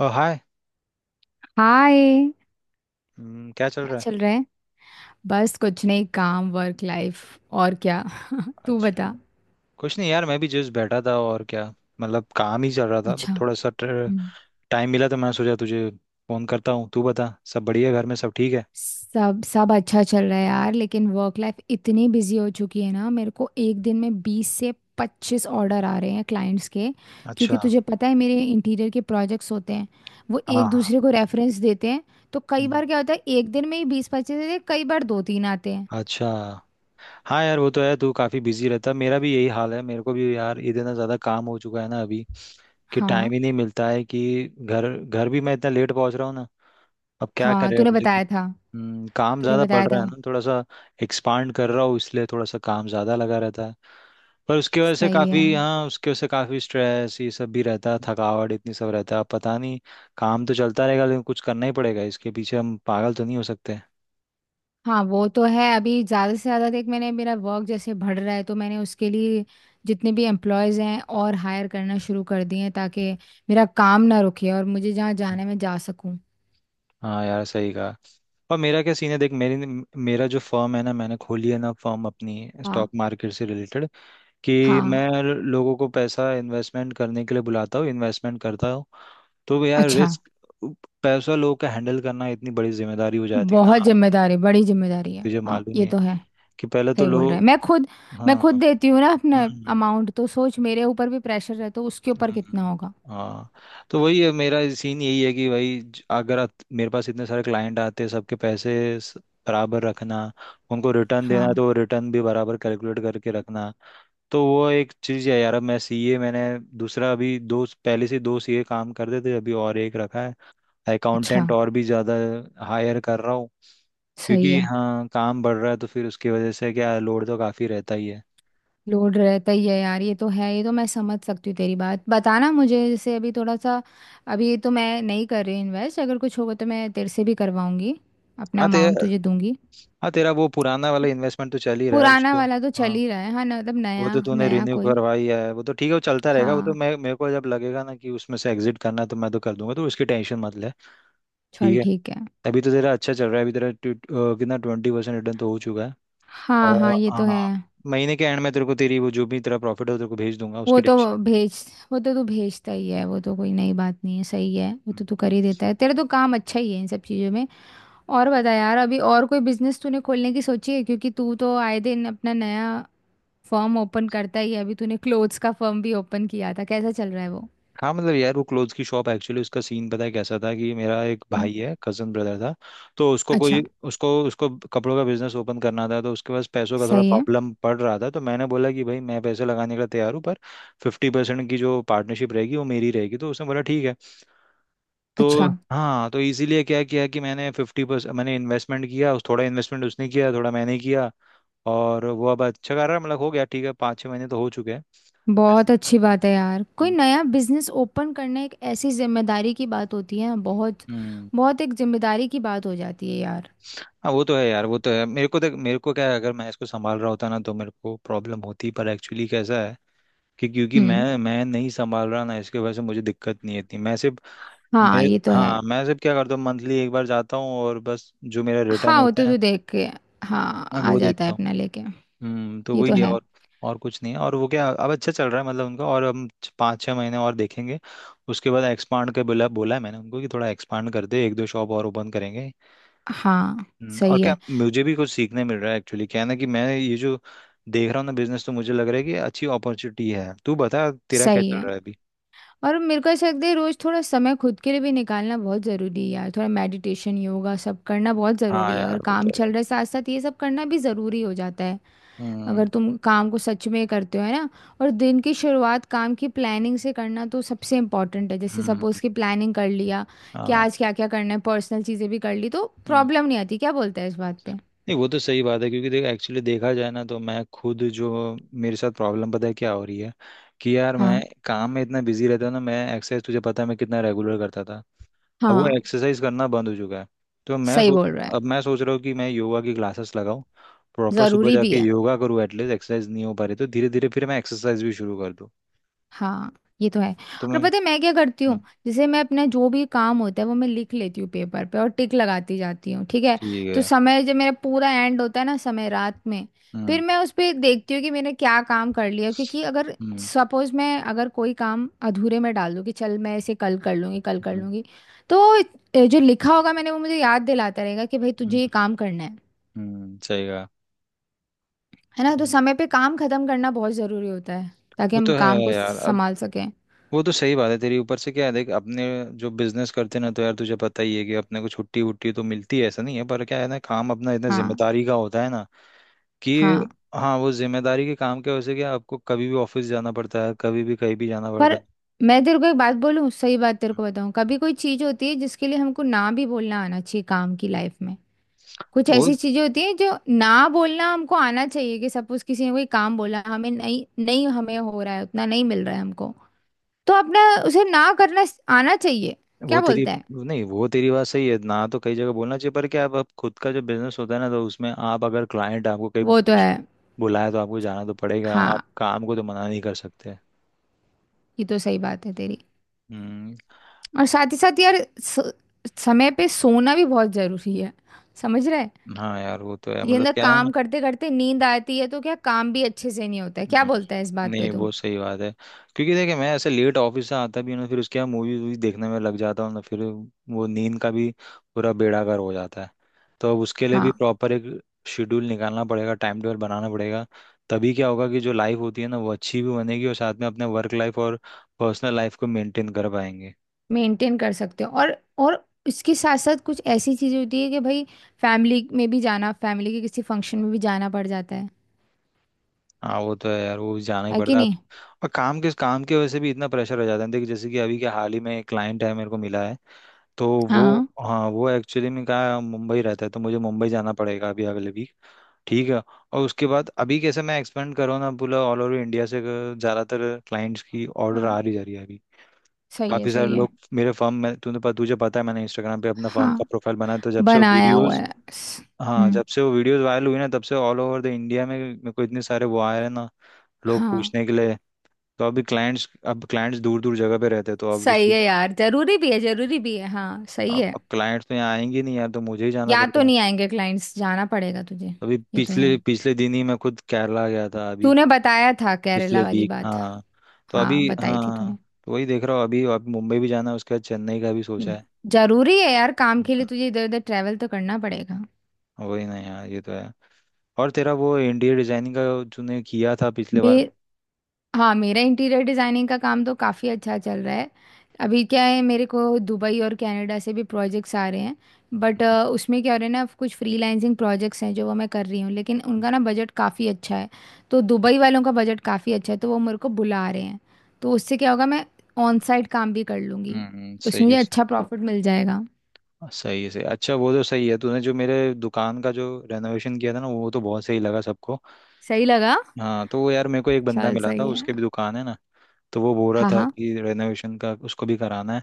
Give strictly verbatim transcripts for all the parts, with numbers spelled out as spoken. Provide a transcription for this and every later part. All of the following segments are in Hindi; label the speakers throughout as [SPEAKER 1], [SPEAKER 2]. [SPEAKER 1] ओ हाय।
[SPEAKER 2] हाय।
[SPEAKER 1] हम्म, क्या चल
[SPEAKER 2] क्या
[SPEAKER 1] रहा है?
[SPEAKER 2] चल रहा है? बस कुछ नहीं, काम, वर्क लाइफ। और क्या? तू बता।
[SPEAKER 1] अच्छा। कुछ नहीं यार, मैं भी जस्ट बैठा था। और क्या, मतलब काम ही चल रहा था बट
[SPEAKER 2] अच्छा।
[SPEAKER 1] थोड़ा सा
[SPEAKER 2] हम्म।
[SPEAKER 1] टाइम मिला तो मैंने सोचा तुझे फोन करता हूँ। तू बता, सब बढ़िया? घर में सब ठीक है?
[SPEAKER 2] सब सब अच्छा चल रहा है यार, लेकिन वर्क लाइफ इतनी बिजी हो चुकी है ना। मेरे को एक दिन में बीस से पच्चीस ऑर्डर आ रहे हैं क्लाइंट्स के।
[SPEAKER 1] अच्छा।
[SPEAKER 2] क्योंकि तुझे पता है मेरे इंटीरियर के प्रोजेक्ट्स होते हैं, वो
[SPEAKER 1] हाँ
[SPEAKER 2] एक
[SPEAKER 1] हाँ।
[SPEAKER 2] दूसरे को रेफरेंस देते हैं। तो कई
[SPEAKER 1] हम्म,
[SPEAKER 2] बार क्या होता है, एक दिन में ही बीस पच्चीस देते हैं, कई बार दो तीन आते हैं।
[SPEAKER 1] अच्छा। हाँ यार, वो तो है। तू काफी बिजी रहता, मेरा भी यही हाल है। मेरे को भी यार इतना ज्यादा काम हो चुका है ना अभी कि
[SPEAKER 2] हाँ
[SPEAKER 1] टाइम ही नहीं मिलता है कि घर घर भी मैं इतना लेट पहुंच रहा हूँ ना। अब क्या
[SPEAKER 2] हाँ,
[SPEAKER 1] करे,
[SPEAKER 2] तूने
[SPEAKER 1] अब लेकिन...
[SPEAKER 2] बताया था।
[SPEAKER 1] हम्म, काम
[SPEAKER 2] तूने
[SPEAKER 1] ज्यादा
[SPEAKER 2] बताया
[SPEAKER 1] बढ़ रहा है
[SPEAKER 2] था।
[SPEAKER 1] ना, थोड़ा सा एक्सपांड कर रहा हूँ इसलिए थोड़ा सा काम ज्यादा लगा रहता है। पर उसकी वजह से
[SPEAKER 2] सही है।
[SPEAKER 1] काफी हाँ उसके वजह से काफी स्ट्रेस ये सब भी रहता है, थकावट इतनी सब रहता है। अब पता नहीं, काम तो चलता रहेगा लेकिन कुछ करना ही पड़ेगा, इसके पीछे हम पागल तो नहीं हो सकते।
[SPEAKER 2] हाँ, वो तो है। अभी ज़्यादा से ज़्यादा देख, मैंने मेरा वर्क जैसे बढ़ रहा है तो मैंने उसके लिए जितने भी एम्प्लॉयज़ हैं और हायर करना शुरू कर दिए हैं, ताकि मेरा काम ना रुके और मुझे जहाँ
[SPEAKER 1] हम्म।
[SPEAKER 2] जाने में जा सकूँ।
[SPEAKER 1] हाँ यार, सही कहा। और मेरा क्या सीन है देख, मेरी मेरा जो फर्म है ना, मैंने खोली है ना फर्म अपनी,
[SPEAKER 2] हाँ
[SPEAKER 1] स्टॉक मार्केट से रिलेटेड, कि
[SPEAKER 2] हाँ।
[SPEAKER 1] मैं लोगों को पैसा इन्वेस्टमेंट करने के लिए बुलाता हूँ, इन्वेस्टमेंट करता हूँ। तो यार
[SPEAKER 2] अच्छा।
[SPEAKER 1] रिस्क, पैसा लोगों का हैंडल करना इतनी बड़ी जिम्मेदारी हो जाती है
[SPEAKER 2] बहुत
[SPEAKER 1] ना।
[SPEAKER 2] जिम्मेदारी, बड़ी जिम्मेदारी है,
[SPEAKER 1] तुझे
[SPEAKER 2] हाँ
[SPEAKER 1] मालूम ही
[SPEAKER 2] ये तो
[SPEAKER 1] है
[SPEAKER 2] है।
[SPEAKER 1] कि पहले तो
[SPEAKER 2] सही बोल रहा है।
[SPEAKER 1] लोग...
[SPEAKER 2] मैं खुद मैं
[SPEAKER 1] हाँ।
[SPEAKER 2] खुद देती हूँ ना अपना
[SPEAKER 1] हम्म।
[SPEAKER 2] अमाउंट, तो सोच मेरे ऊपर भी प्रेशर है तो उसके ऊपर कितना
[SPEAKER 1] हम्म,
[SPEAKER 2] होगा।
[SPEAKER 1] हाँ। तो वही है मेरा सीन, यही है कि भाई ज- अगर आत- मेरे पास इतने सारे क्लाइंट आते हैं, सबके पैसे स- बराबर रखना, उनको रिटर्न देना है
[SPEAKER 2] हाँ।
[SPEAKER 1] तो रिटर्न भी बराबर कैलकुलेट करके रखना। तो वो एक चीज़ है यार। अब मैं सीए, मैंने दूसरा, अभी दो पहले से दो सीए काम करते थे, अभी और एक रखा है,
[SPEAKER 2] अच्छा।
[SPEAKER 1] अकाउंटेंट और भी ज़्यादा हायर कर रहा हूँ,
[SPEAKER 2] सही
[SPEAKER 1] क्योंकि
[SPEAKER 2] है।
[SPEAKER 1] हाँ, काम बढ़ रहा है तो फिर उसकी वजह से क्या लोड तो काफ़ी रहता ही है।
[SPEAKER 2] लोड रहता ही है यार, ये तो है। ये तो मैं समझ सकती हूँ तेरी बात। बताना मुझे, जैसे अभी थोड़ा सा अभी तो मैं नहीं कर रही इन्वेस्ट, अगर कुछ होगा तो मैं तेरे से भी करवाऊंगी। अपना
[SPEAKER 1] हाँ तेरा,
[SPEAKER 2] अमाउंट तुझे दूंगी।
[SPEAKER 1] हाँ तेरा वो पुराना वाला इन्वेस्टमेंट तो चल ही रहा है
[SPEAKER 2] पुराना
[SPEAKER 1] उसको,
[SPEAKER 2] वाला तो चल
[SPEAKER 1] हाँ।
[SPEAKER 2] ही रहा है। हाँ न- मतलब
[SPEAKER 1] वो
[SPEAKER 2] नया
[SPEAKER 1] तो तूने
[SPEAKER 2] नया
[SPEAKER 1] रिन्यू
[SPEAKER 2] कोई।
[SPEAKER 1] करवाई है, वो तो ठीक है, वो चलता रहेगा। वो तो
[SPEAKER 2] हाँ।
[SPEAKER 1] मैं मेरे को जब लगेगा ना कि उसमें से एग्जिट करना है तो मैं तो कर दूंगा, तो उसकी टेंशन मत ले।
[SPEAKER 2] चल
[SPEAKER 1] ठीक है,
[SPEAKER 2] ठीक है।
[SPEAKER 1] अभी तो तेरा अच्छा चल रहा है, अभी तेरा ट्व- अ, कितना ट्वेंटी परसेंट रिटर्न तो हो चुका है।
[SPEAKER 2] हाँ हाँ
[SPEAKER 1] और
[SPEAKER 2] ये तो है।
[SPEAKER 1] हाँ, महीने के एंड में तेरे को तेरी वो जो भी तेरा प्रॉफिट है वो तेरे को भेज दूंगा,
[SPEAKER 2] वो
[SPEAKER 1] उसकी
[SPEAKER 2] तो
[SPEAKER 1] टेंशन...
[SPEAKER 2] भेज, वो तो तू भेजता ही है, वो तो कोई नई बात नहीं है। सही है, वो तो तू कर ही देता है। तेरा तो काम अच्छा ही है इन सब चीज़ों में। और बता यार, अभी और कोई बिजनेस तूने खोलने की सोची है? क्योंकि तू तो आए दिन अपना नया फर्म ओपन करता ही है। अभी तूने क्लोथ्स का फर्म भी ओपन किया था, कैसा चल रहा है वो?
[SPEAKER 1] हाँ मतलब यार, वो क्लोथ्स की शॉप एक्चुअली उसका सीन पता है कैसा था कि मेरा एक
[SPEAKER 2] हम्म।
[SPEAKER 1] भाई है, कजन ब्रदर था, तो उसको
[SPEAKER 2] अच्छा।
[SPEAKER 1] कोई... उसको उसको कपड़ों का बिजनेस ओपन करना था तो उसके पास पैसों का थोड़ा
[SPEAKER 2] सही है।
[SPEAKER 1] प्रॉब्लम पड़ रहा था, तो मैंने बोला कि भाई मैं पैसे लगाने के लिए तैयार हूँ पर फिफ्टी परसेंट की जो पार्टनरशिप रहेगी वो मेरी रहेगी, तो उसने बोला ठीक है। तो
[SPEAKER 2] अच्छा।
[SPEAKER 1] हाँ, तो इसीलिए क्या किया कि मैंने फिफ्टी परसेंट मैंने इन्वेस्टमेंट किया उस, थोड़ा इन्वेस्टमेंट उसने किया थोड़ा मैंने किया। और वो अब अच्छा कर रहा है, मतलब हो गया ठीक है, पाँच छः महीने तो हो चुके हैं।
[SPEAKER 2] बहुत अच्छी बात है यार, कोई नया बिजनेस ओपन करना एक ऐसी जिम्मेदारी की बात होती है। बहुत
[SPEAKER 1] हम्म।
[SPEAKER 2] बहुत एक जिम्मेदारी की बात हो जाती है यार।
[SPEAKER 1] हाँ वो तो है यार, वो तो है। मेरे को देख, मेरे को क्या है अगर मैं इसको संभाल रहा होता ना तो मेरे को प्रॉब्लम होती, पर एक्चुअली कैसा है कि क्योंकि
[SPEAKER 2] हम्म।
[SPEAKER 1] मैं मैं नहीं संभाल रहा ना, इसके वजह से मुझे दिक्कत नहीं इतनी। मैं सिर्फ...
[SPEAKER 2] हाँ
[SPEAKER 1] मैं,
[SPEAKER 2] ये तो है।
[SPEAKER 1] हाँ, मैं सिर्फ क्या करता हूँ, मंथली एक बार जाता हूँ और बस जो मेरा रिटर्न
[SPEAKER 2] हाँ वो तो
[SPEAKER 1] होता है
[SPEAKER 2] तू देख के, हाँ
[SPEAKER 1] मैं
[SPEAKER 2] आ
[SPEAKER 1] वो
[SPEAKER 2] जाता
[SPEAKER 1] देखता
[SPEAKER 2] है
[SPEAKER 1] हूँ।
[SPEAKER 2] अपना लेके।
[SPEAKER 1] हम्म, तो
[SPEAKER 2] ये तो
[SPEAKER 1] वही है।
[SPEAKER 2] है।
[SPEAKER 1] और और कुछ नहीं है, और वो क्या, अब अच्छा चल रहा है मतलब उनका। और हम छ- पाँच छः महीने और देखेंगे, उसके बाद एक्सपांड के, बोला बोला है मैंने उनको कि थोड़ा एक्सपांड कर दे, एक दो शॉप और ओपन करेंगे।
[SPEAKER 2] हाँ
[SPEAKER 1] हम्म, और
[SPEAKER 2] सही
[SPEAKER 1] क्या,
[SPEAKER 2] है
[SPEAKER 1] मुझे भी कुछ सीखने मिल रहा है एक्चुअली। क्या है ना कि मैं ये जो देख रहा हूँ ना बिजनेस, तो मुझे लग रहा है कि अच्छी अपॉर्चुनिटी है। तू बता, तेरा क्या
[SPEAKER 2] सही
[SPEAKER 1] चल
[SPEAKER 2] है।
[SPEAKER 1] रहा है अभी?
[SPEAKER 2] और मेरे को ऐसा लगता है, रोज थोड़ा समय खुद के लिए भी निकालना बहुत ज़रूरी है यार। थोड़ा मेडिटेशन योगा सब करना बहुत
[SPEAKER 1] हाँ
[SPEAKER 2] ज़रूरी है। अगर
[SPEAKER 1] यार, वो तो
[SPEAKER 2] काम चल
[SPEAKER 1] है।
[SPEAKER 2] रहा है साथ साथ, ये सब करना भी ज़रूरी हो जाता है।
[SPEAKER 1] हम्म।
[SPEAKER 2] अगर तुम काम को सच में करते हो, है ना? और दिन की शुरुआत काम की प्लानिंग से करना तो सबसे इम्पोर्टेंट है। जैसे
[SPEAKER 1] हम्म।
[SPEAKER 2] सपोज़ कि प्लानिंग कर लिया कि
[SPEAKER 1] हाँ।
[SPEAKER 2] आज क्या क्या करना है, पर्सनल चीज़ें भी कर ली, तो
[SPEAKER 1] हम्म।
[SPEAKER 2] प्रॉब्लम नहीं आती। क्या बोलते हैं इस बात पे?
[SPEAKER 1] नहीं वो तो सही बात है, क्योंकि देख एक्चुअली देखा जाए ना तो मैं खुद जो, मेरे साथ प्रॉब्लम पता है क्या हो रही है, कि यार मैं
[SPEAKER 2] हाँ
[SPEAKER 1] काम में इतना बिजी रहता हूँ ना, मैं एक्सरसाइज, तुझे पता है मैं कितना रेगुलर करता था, अब वो
[SPEAKER 2] हाँ।
[SPEAKER 1] एक्सरसाइज करना बंद हो चुका है। तो मैं
[SPEAKER 2] सही
[SPEAKER 1] सोच...
[SPEAKER 2] बोल रहा है।
[SPEAKER 1] अब मैं सोच रहा हूँ कि मैं योगा की क्लासेस लगाऊं, प्रॉपर सुबह
[SPEAKER 2] ज़रूरी भी
[SPEAKER 1] जाके
[SPEAKER 2] है।
[SPEAKER 1] योगा करूँ, एटलीस्ट एक्सरसाइज नहीं हो पा रही तो धीरे धीरे फिर मैं एक्सरसाइज भी शुरू कर दूँ।
[SPEAKER 2] हाँ ये तो है।
[SPEAKER 1] तो
[SPEAKER 2] और
[SPEAKER 1] मैं...
[SPEAKER 2] पता है मैं क्या करती हूँ?
[SPEAKER 1] हम्म,
[SPEAKER 2] जैसे मैं अपना जो भी काम होता है वो मैं लिख लेती हूँ पेपर पे, और टिक लगाती जाती हूँ। ठीक है।
[SPEAKER 1] ठीक
[SPEAKER 2] तो
[SPEAKER 1] है।
[SPEAKER 2] समय जब मेरा पूरा एंड होता है ना, समय रात में, फिर
[SPEAKER 1] हम्म।
[SPEAKER 2] मैं उस पर देखती हूँ कि मैंने क्या काम कर लिया। क्योंकि अगर
[SPEAKER 1] हम्म।
[SPEAKER 2] सपोज मैं अगर कोई काम अधूरे में डाल दूँ कि चल मैं इसे कल कर लूँगी, कल कर
[SPEAKER 1] हम्म।
[SPEAKER 2] लूँगी, तो ए, जो लिखा होगा मैंने वो मुझे याद दिलाता रहेगा कि भाई तुझे
[SPEAKER 1] हम्म।
[SPEAKER 2] ये काम करना है।
[SPEAKER 1] हम्म, सही कहा।
[SPEAKER 2] है ना? तो
[SPEAKER 1] हम्म।
[SPEAKER 2] समय पे काम खत्म करना बहुत ज़रूरी होता है, ताकि
[SPEAKER 1] वो
[SPEAKER 2] हम
[SPEAKER 1] तो
[SPEAKER 2] काम
[SPEAKER 1] है
[SPEAKER 2] को
[SPEAKER 1] यार। अब
[SPEAKER 2] संभाल सकें।
[SPEAKER 1] वो तो सही बात है तेरी। ऊपर से क्या है देख, अपने जो बिजनेस करते हैं ना तो यार तुझे पता ही है कि अपने को छुट्टी वुट्टी तो मिलती है ऐसा नहीं है, पर क्या है ना, काम अपना इतना
[SPEAKER 2] हाँ
[SPEAKER 1] जिम्मेदारी का होता है ना कि...
[SPEAKER 2] हाँ।
[SPEAKER 1] हाँ। वो जिम्मेदारी के काम के वजह से क्या आपको कभी भी ऑफिस जाना पड़ता है, कभी भी कहीं भी जाना पड़ता
[SPEAKER 2] पर
[SPEAKER 1] है।
[SPEAKER 2] मैं तेरे को एक बात बोलूं, सही बात तेरे को बताऊं, कभी कोई चीज होती है जिसके लिए हमको ना भी बोलना आना चाहिए काम की लाइफ में। कुछ
[SPEAKER 1] वो
[SPEAKER 2] ऐसी चीजें होती हैं जो ना बोलना हमको आना चाहिए। कि सपोज किसी ने कोई काम बोला, हमें नहीं, नहीं हमें हो रहा है, उतना नहीं मिल रहा है हमको, तो अपना उसे ना करना आना चाहिए।
[SPEAKER 1] वो
[SPEAKER 2] क्या
[SPEAKER 1] तेरी
[SPEAKER 2] बोलता है?
[SPEAKER 1] नहीं, वो तेरी बात सही है ना, तो कई जगह बोलना चाहिए, पर क्या आप, आप खुद का जो बिजनेस होता है ना तो उसमें आप अगर क्लाइंट आपको कहीं
[SPEAKER 2] वो तो
[SPEAKER 1] कुछ
[SPEAKER 2] है।
[SPEAKER 1] बुलाए तो आपको जाना तो पड़ेगा, आप
[SPEAKER 2] हाँ
[SPEAKER 1] काम को तो मना नहीं कर सकते।
[SPEAKER 2] ये तो सही बात है तेरी।
[SPEAKER 1] हम्म।
[SPEAKER 2] और साथ ही साथ यार स- समय पे सोना भी बहुत जरूरी है। समझ रहा है?
[SPEAKER 1] हाँ यार वो तो है,
[SPEAKER 2] ये
[SPEAKER 1] मतलब
[SPEAKER 2] ना,
[SPEAKER 1] क्या।
[SPEAKER 2] काम करते करते नींद आती है तो क्या काम भी अच्छे से नहीं होता है। क्या
[SPEAKER 1] हम्म,
[SPEAKER 2] बोलता है इस बात पे
[SPEAKER 1] नहीं
[SPEAKER 2] तुम?
[SPEAKER 1] वो सही बात है, क्योंकि देखिए मैं ऐसे लेट ऑफिस से आता भी हूँ ना, फिर उसके बाद मूवी वूवी देखने में लग जाता हूँ ना, फिर वो नींद का भी पूरा बेड़ागर हो जाता है। तो अब उसके लिए भी
[SPEAKER 2] हाँ।
[SPEAKER 1] प्रॉपर एक शेड्यूल निकालना पड़ेगा, टाइम टेबल बनाना पड़ेगा, तभी क्या होगा कि जो लाइफ होती है ना वो अच्छी भी बनेगी और साथ में अपने वर्क लाइफ और पर्सनल लाइफ को मेंटेन कर पाएंगे।
[SPEAKER 2] मेंटेन कर सकते हो। और और इसके साथ साथ कुछ ऐसी चीजें होती है कि भाई, फैमिली में भी जाना, फैमिली के किसी फंक्शन में भी जाना पड़ जाता है।
[SPEAKER 1] हाँ वो तो है यार, वो भी जाना ही
[SPEAKER 2] है
[SPEAKER 1] पड़ता
[SPEAKER 2] कि
[SPEAKER 1] है अभी।
[SPEAKER 2] नहीं?
[SPEAKER 1] और काम के, काम की वजह से भी इतना प्रेशर हो जाता है। देखिए जैसे कि अभी के हाल ही में एक क्लाइंट है मेरे को मिला है, तो वो...
[SPEAKER 2] हाँ
[SPEAKER 1] हाँ वो एक्चुअली में कहा मुंबई रहता है, तो मुझे मुंबई जाना पड़ेगा अभी अगले वीक। ठीक है। और उसके बाद अभी कैसे मैं एक्सपेंड करूँ ना पूरा ऑल ओवर इंडिया से, अगर ज़्यादातर क्लाइंट्स की ऑर्डर
[SPEAKER 2] हाँ।
[SPEAKER 1] आ रही जा रही है अभी।
[SPEAKER 2] सही है
[SPEAKER 1] काफ़ी सारे
[SPEAKER 2] सही है।
[SPEAKER 1] लोग मेरे फर्म में, तूने पता तुझे पता है मैंने इंस्टाग्राम पे अपना फर्म का
[SPEAKER 2] हाँ।
[SPEAKER 1] प्रोफाइल बनाया, तो जब से वो
[SPEAKER 2] बनाया हुआ
[SPEAKER 1] वीडियोस...
[SPEAKER 2] है स-
[SPEAKER 1] हाँ
[SPEAKER 2] हम्म।
[SPEAKER 1] जब से वो वीडियोस वायरल हुई ना तब से ऑल ओवर द इंडिया में मेरे को इतने सारे वो आए हैं ना, लोग
[SPEAKER 2] हाँ
[SPEAKER 1] पूछने के लिए। तो अभी क्लाइंट्स, अब क्लाइंट्स दूर दूर जगह पे रहते हैं तो
[SPEAKER 2] सही
[SPEAKER 1] ऑब्वियसली
[SPEAKER 2] है यार, जरूरी भी है जरूरी भी है। हाँ सही
[SPEAKER 1] अब
[SPEAKER 2] है।
[SPEAKER 1] अब क्लाइंट्स तो यहाँ आएंगे नहीं यार, तो मुझे ही जाना
[SPEAKER 2] या तो
[SPEAKER 1] पड़ता है।
[SPEAKER 2] नहीं आएंगे क्लाइंट्स, जाना पड़ेगा तुझे।
[SPEAKER 1] अभी
[SPEAKER 2] ये तो
[SPEAKER 1] पिछले
[SPEAKER 2] है।
[SPEAKER 1] पिछले दिन ही मैं खुद केरला गया था अभी,
[SPEAKER 2] तूने बताया था
[SPEAKER 1] पिछले
[SPEAKER 2] केरला वाली
[SPEAKER 1] वीक।
[SPEAKER 2] बात।
[SPEAKER 1] हाँ तो अभी
[SPEAKER 2] हाँ बताई थी
[SPEAKER 1] हाँ,
[SPEAKER 2] तूने।
[SPEAKER 1] तो वही देख रहा हूँ, अभी अभी मुंबई भी जाना है, उसके बाद चेन्नई का भी सोचा है।
[SPEAKER 2] जरूरी है यार, काम के
[SPEAKER 1] हाँ,
[SPEAKER 2] लिए तुझे इधर उधर ट्रैवल तो करना पड़ेगा।
[SPEAKER 1] वही ना यार, ये तो है। और तेरा वो इंटीरियर डिजाइनिंग का तूने किया था पिछले बार।
[SPEAKER 2] मेर हाँ, मेरा इंटीरियर डिजाइनिंग का काम तो काफी अच्छा चल रहा है। अभी क्या है, मेरे को दुबई और कनाडा से भी प्रोजेक्ट्स आ रहे हैं। बट
[SPEAKER 1] हम्म,
[SPEAKER 2] उसमें क्या हो रहा है ना, कुछ फ्रीलांसिंग प्रोजेक्ट्स हैं जो वो मैं कर रही हूँ, लेकिन उनका ना बजट काफ़ी अच्छा है। तो दुबई वालों का बजट काफ़ी अच्छा है तो वो मेरे को बुला रहे हैं। तो उससे क्या होगा, मैं ऑन साइट काम भी कर लूँगी।
[SPEAKER 1] हम्म, सही
[SPEAKER 2] उसमें
[SPEAKER 1] है
[SPEAKER 2] मुझे अच्छा प्रॉफिट मिल जाएगा।
[SPEAKER 1] सही है सही है। अच्छा वो तो सही है, तूने जो मेरे दुकान का जो रेनोवेशन किया था ना, वो तो बहुत सही लगा सबको।
[SPEAKER 2] सही लगा।
[SPEAKER 1] हाँ तो वो यार, मेरे को एक बंदा
[SPEAKER 2] चल
[SPEAKER 1] मिला था,
[SPEAKER 2] सही है।
[SPEAKER 1] उसके भी दुकान है ना, तो वो बोल रहा
[SPEAKER 2] हाँ
[SPEAKER 1] था
[SPEAKER 2] हाँ।
[SPEAKER 1] कि रेनोवेशन का उसको भी कराना है,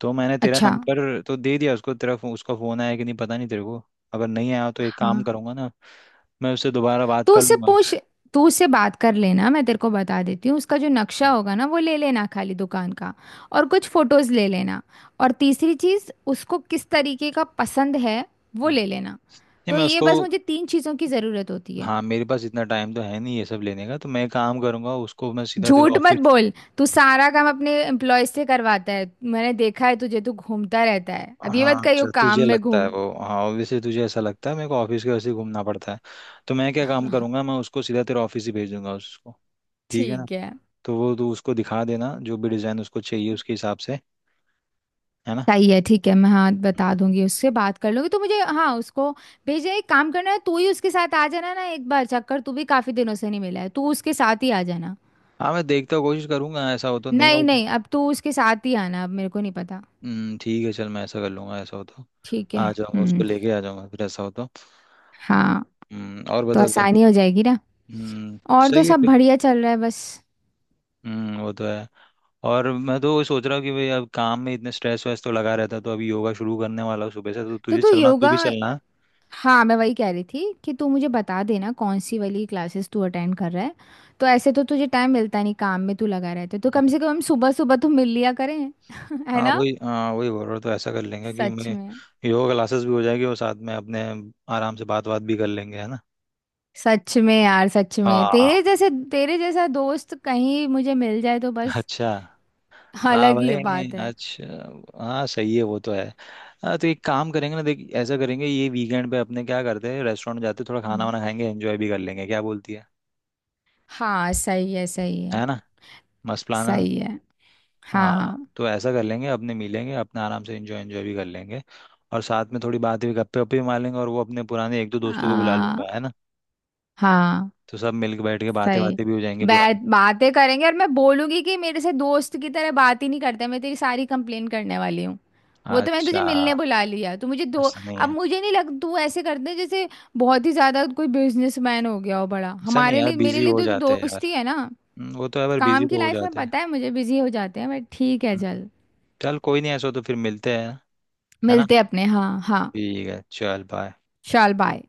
[SPEAKER 1] तो मैंने तेरा
[SPEAKER 2] अच्छा।
[SPEAKER 1] नंबर तो दे दिया उसको, तेरा फो, उसका फ़ोन आया कि नहीं पता नहीं तेरे को। अगर नहीं आया तो एक काम
[SPEAKER 2] हाँ,
[SPEAKER 1] करूंगा ना, मैं उससे दोबारा बात
[SPEAKER 2] तो
[SPEAKER 1] कर
[SPEAKER 2] उससे
[SPEAKER 1] लूंगा।
[SPEAKER 2] पूछ, तू उससे बात कर लेना, मैं तेरे को बता देती हूँ। उसका जो नक्शा होगा ना, वो ले लेना खाली दुकान का। और कुछ फोटोज ले लेना। और तीसरी चीज़ उसको किस तरीके का पसंद है वो
[SPEAKER 1] हम्म।
[SPEAKER 2] ले लेना।
[SPEAKER 1] नहीं
[SPEAKER 2] तो
[SPEAKER 1] मैं
[SPEAKER 2] ये
[SPEAKER 1] उसको...
[SPEAKER 2] बस मुझे तीन चीज़ों की ज़रूरत होती है।
[SPEAKER 1] हाँ मेरे पास इतना टाइम तो है नहीं ये सब लेने का, तो मैं एक काम करूंगा, उसको मैं सीधा तेरे
[SPEAKER 2] झूठ मत
[SPEAKER 1] ऑफिस...
[SPEAKER 2] बोल, तू सारा काम अपने एम्प्लॉय से करवाता है, मैंने देखा है तुझे, तू घूमता रहता है। अब ये
[SPEAKER 1] हाँ
[SPEAKER 2] मत
[SPEAKER 1] अच्छा,
[SPEAKER 2] कहियो काम
[SPEAKER 1] तुझे
[SPEAKER 2] में
[SPEAKER 1] लगता है
[SPEAKER 2] घूम।
[SPEAKER 1] वो, हाँ ऑब्वियसली तुझे ऐसा लगता है, मेरे को ऑफिस के वैसे ही घूमना पड़ता है। तो मैं क्या काम करूंगा, मैं उसको सीधा तेरे ऑफिस ही भेज दूंगा उसको। ठीक है ना,
[SPEAKER 2] ठीक है।
[SPEAKER 1] तो वो तू उसको दिखा देना जो भी डिज़ाइन उसको चाहिए उसके हिसाब से, है ना।
[SPEAKER 2] सही है। ठीक है, मैं हाँ बता दूंगी, उससे बात कर लूंगी तो मुझे हाँ उसको भेजना। एक काम करना है, तू ही उसके साथ आ जाना ना एक बार चक्कर, तू भी काफी दिनों से नहीं मिला है, तू उसके साथ ही आ जाना।
[SPEAKER 1] हाँ मैं देखता, कोशिश करूंगा, ऐसा हो तो, नहीं
[SPEAKER 2] नहीं
[SPEAKER 1] हो...
[SPEAKER 2] नहीं, अब तू उसके साथ ही आना, अब मेरे को नहीं पता।
[SPEAKER 1] हम्म, ठीक है चल, मैं ऐसा कर लूंगा ऐसा हो तो,
[SPEAKER 2] ठीक है।
[SPEAKER 1] आ जाऊंगा, उसको
[SPEAKER 2] हम्म।
[SPEAKER 1] लेके आ जाऊंगा फिर, ऐसा हो तो।
[SPEAKER 2] हाँ,
[SPEAKER 1] हम्म, और
[SPEAKER 2] तो
[SPEAKER 1] बता कर।
[SPEAKER 2] आसानी हो जाएगी ना।
[SPEAKER 1] हम्म।
[SPEAKER 2] और तो
[SPEAKER 1] सही है
[SPEAKER 2] सब
[SPEAKER 1] फिर।
[SPEAKER 2] बढ़िया चल रहा है बस।
[SPEAKER 1] हम्म, वो तो है। और मैं तो वही सोच रहा हूँ कि भाई अब काम में इतने स्ट्रेस वैस तो लगा रहता है, तो अभी योगा शुरू करने वाला हूँ सुबह से, तो
[SPEAKER 2] तो
[SPEAKER 1] तुझे
[SPEAKER 2] तू
[SPEAKER 1] चलना, तू
[SPEAKER 2] योगा,
[SPEAKER 1] भी चलना है।
[SPEAKER 2] हाँ मैं वही कह रही थी कि तू मुझे बता देना कौन सी वाली क्लासेस तू अटेंड कर रहा है। तो ऐसे तो तुझे टाइम मिलता नहीं, काम में तू लगा रहता है, तो कम
[SPEAKER 1] हम्म,
[SPEAKER 2] से कम सुबह सुबह तो मिल लिया करें। है
[SPEAKER 1] हाँ
[SPEAKER 2] ना?
[SPEAKER 1] वही हाँ वही बोल रहा हूँ, तो ऐसा कर लेंगे कि
[SPEAKER 2] सच
[SPEAKER 1] मैं
[SPEAKER 2] में।
[SPEAKER 1] योगा क्लासेस भी हो जाएगी और साथ में अपने आराम से बात बात भी कर लेंगे, है ना।
[SPEAKER 2] सच में यार, सच में,
[SPEAKER 1] हाँ,
[SPEAKER 2] तेरे जैसे तेरे जैसा दोस्त कहीं मुझे मिल जाए तो बस,
[SPEAKER 1] अच्छा। हाँ
[SPEAKER 2] अलग ही
[SPEAKER 1] भाई,
[SPEAKER 2] बात है।
[SPEAKER 1] अच्छा। हाँ सही है, वो तो है। हाँ, तो एक काम करेंगे ना देख, ऐसा करेंगे, ये वीकेंड पे अपने क्या करते हैं, रेस्टोरेंट जाते हैं, थोड़ा खाना
[SPEAKER 2] हम्म।
[SPEAKER 1] वाना खाएंगे, एंजॉय भी कर लेंगे, क्या बोलती है
[SPEAKER 2] हाँ सही है। सही है।
[SPEAKER 1] है ना, मस्त प्लान है।
[SPEAKER 2] सही है।
[SPEAKER 1] हाँ,
[SPEAKER 2] हाँ।
[SPEAKER 1] तो ऐसा कर लेंगे, अपने मिलेंगे, अपने आराम से एंजॉय एंजॉय भी कर लेंगे, और साथ में थोड़ी बातें भी, गप्पे वप्पे भी मार लेंगे, और वो अपने पुराने एक दो दोस्तों को बुला
[SPEAKER 2] आ,
[SPEAKER 1] लूंगा, है ना।
[SPEAKER 2] हाँ
[SPEAKER 1] तो सब मिलकर बैठ के बातें
[SPEAKER 2] सही।
[SPEAKER 1] बातें भी हो जाएंगी
[SPEAKER 2] बैठ
[SPEAKER 1] पुरानी।
[SPEAKER 2] बातें करेंगे, और मैं बोलूंगी कि मेरे से दोस्त की तरह बात ही नहीं करते, मैं तेरी सारी कंप्लेन करने वाली हूँ। वो तो मैंने
[SPEAKER 1] अच्छा।
[SPEAKER 2] तुझे मिलने बुला लिया, तू मुझे दो।
[SPEAKER 1] ऐसा नहीं
[SPEAKER 2] अब
[SPEAKER 1] है
[SPEAKER 2] मुझे नहीं लग, तू ऐसे करते जैसे बहुत ही ज्यादा कोई बिजनेसमैन हो गया हो बड़ा।
[SPEAKER 1] ऐसा नहीं
[SPEAKER 2] हमारे
[SPEAKER 1] यार,
[SPEAKER 2] लिए, मेरे
[SPEAKER 1] बिजी
[SPEAKER 2] लिए
[SPEAKER 1] हो
[SPEAKER 2] तो, तो,
[SPEAKER 1] जाते हैं
[SPEAKER 2] दोस्त
[SPEAKER 1] यार।
[SPEAKER 2] ही है ना?
[SPEAKER 1] हम्म, वो तो है, पर बिजी
[SPEAKER 2] काम की
[SPEAKER 1] तो हो
[SPEAKER 2] लाइफ में
[SPEAKER 1] जाते हैं।
[SPEAKER 2] पता है मुझे, बिजी हो जाते हैं बट ठीक है
[SPEAKER 1] हम्म,
[SPEAKER 2] चल।
[SPEAKER 1] चल कोई नहीं, ऐसा हो तो फिर मिलते हैं, है ना।
[SPEAKER 2] मिलते हैं अपने। हाँ हाँ।
[SPEAKER 1] ठीक है चल, बाय।
[SPEAKER 2] चल बाय।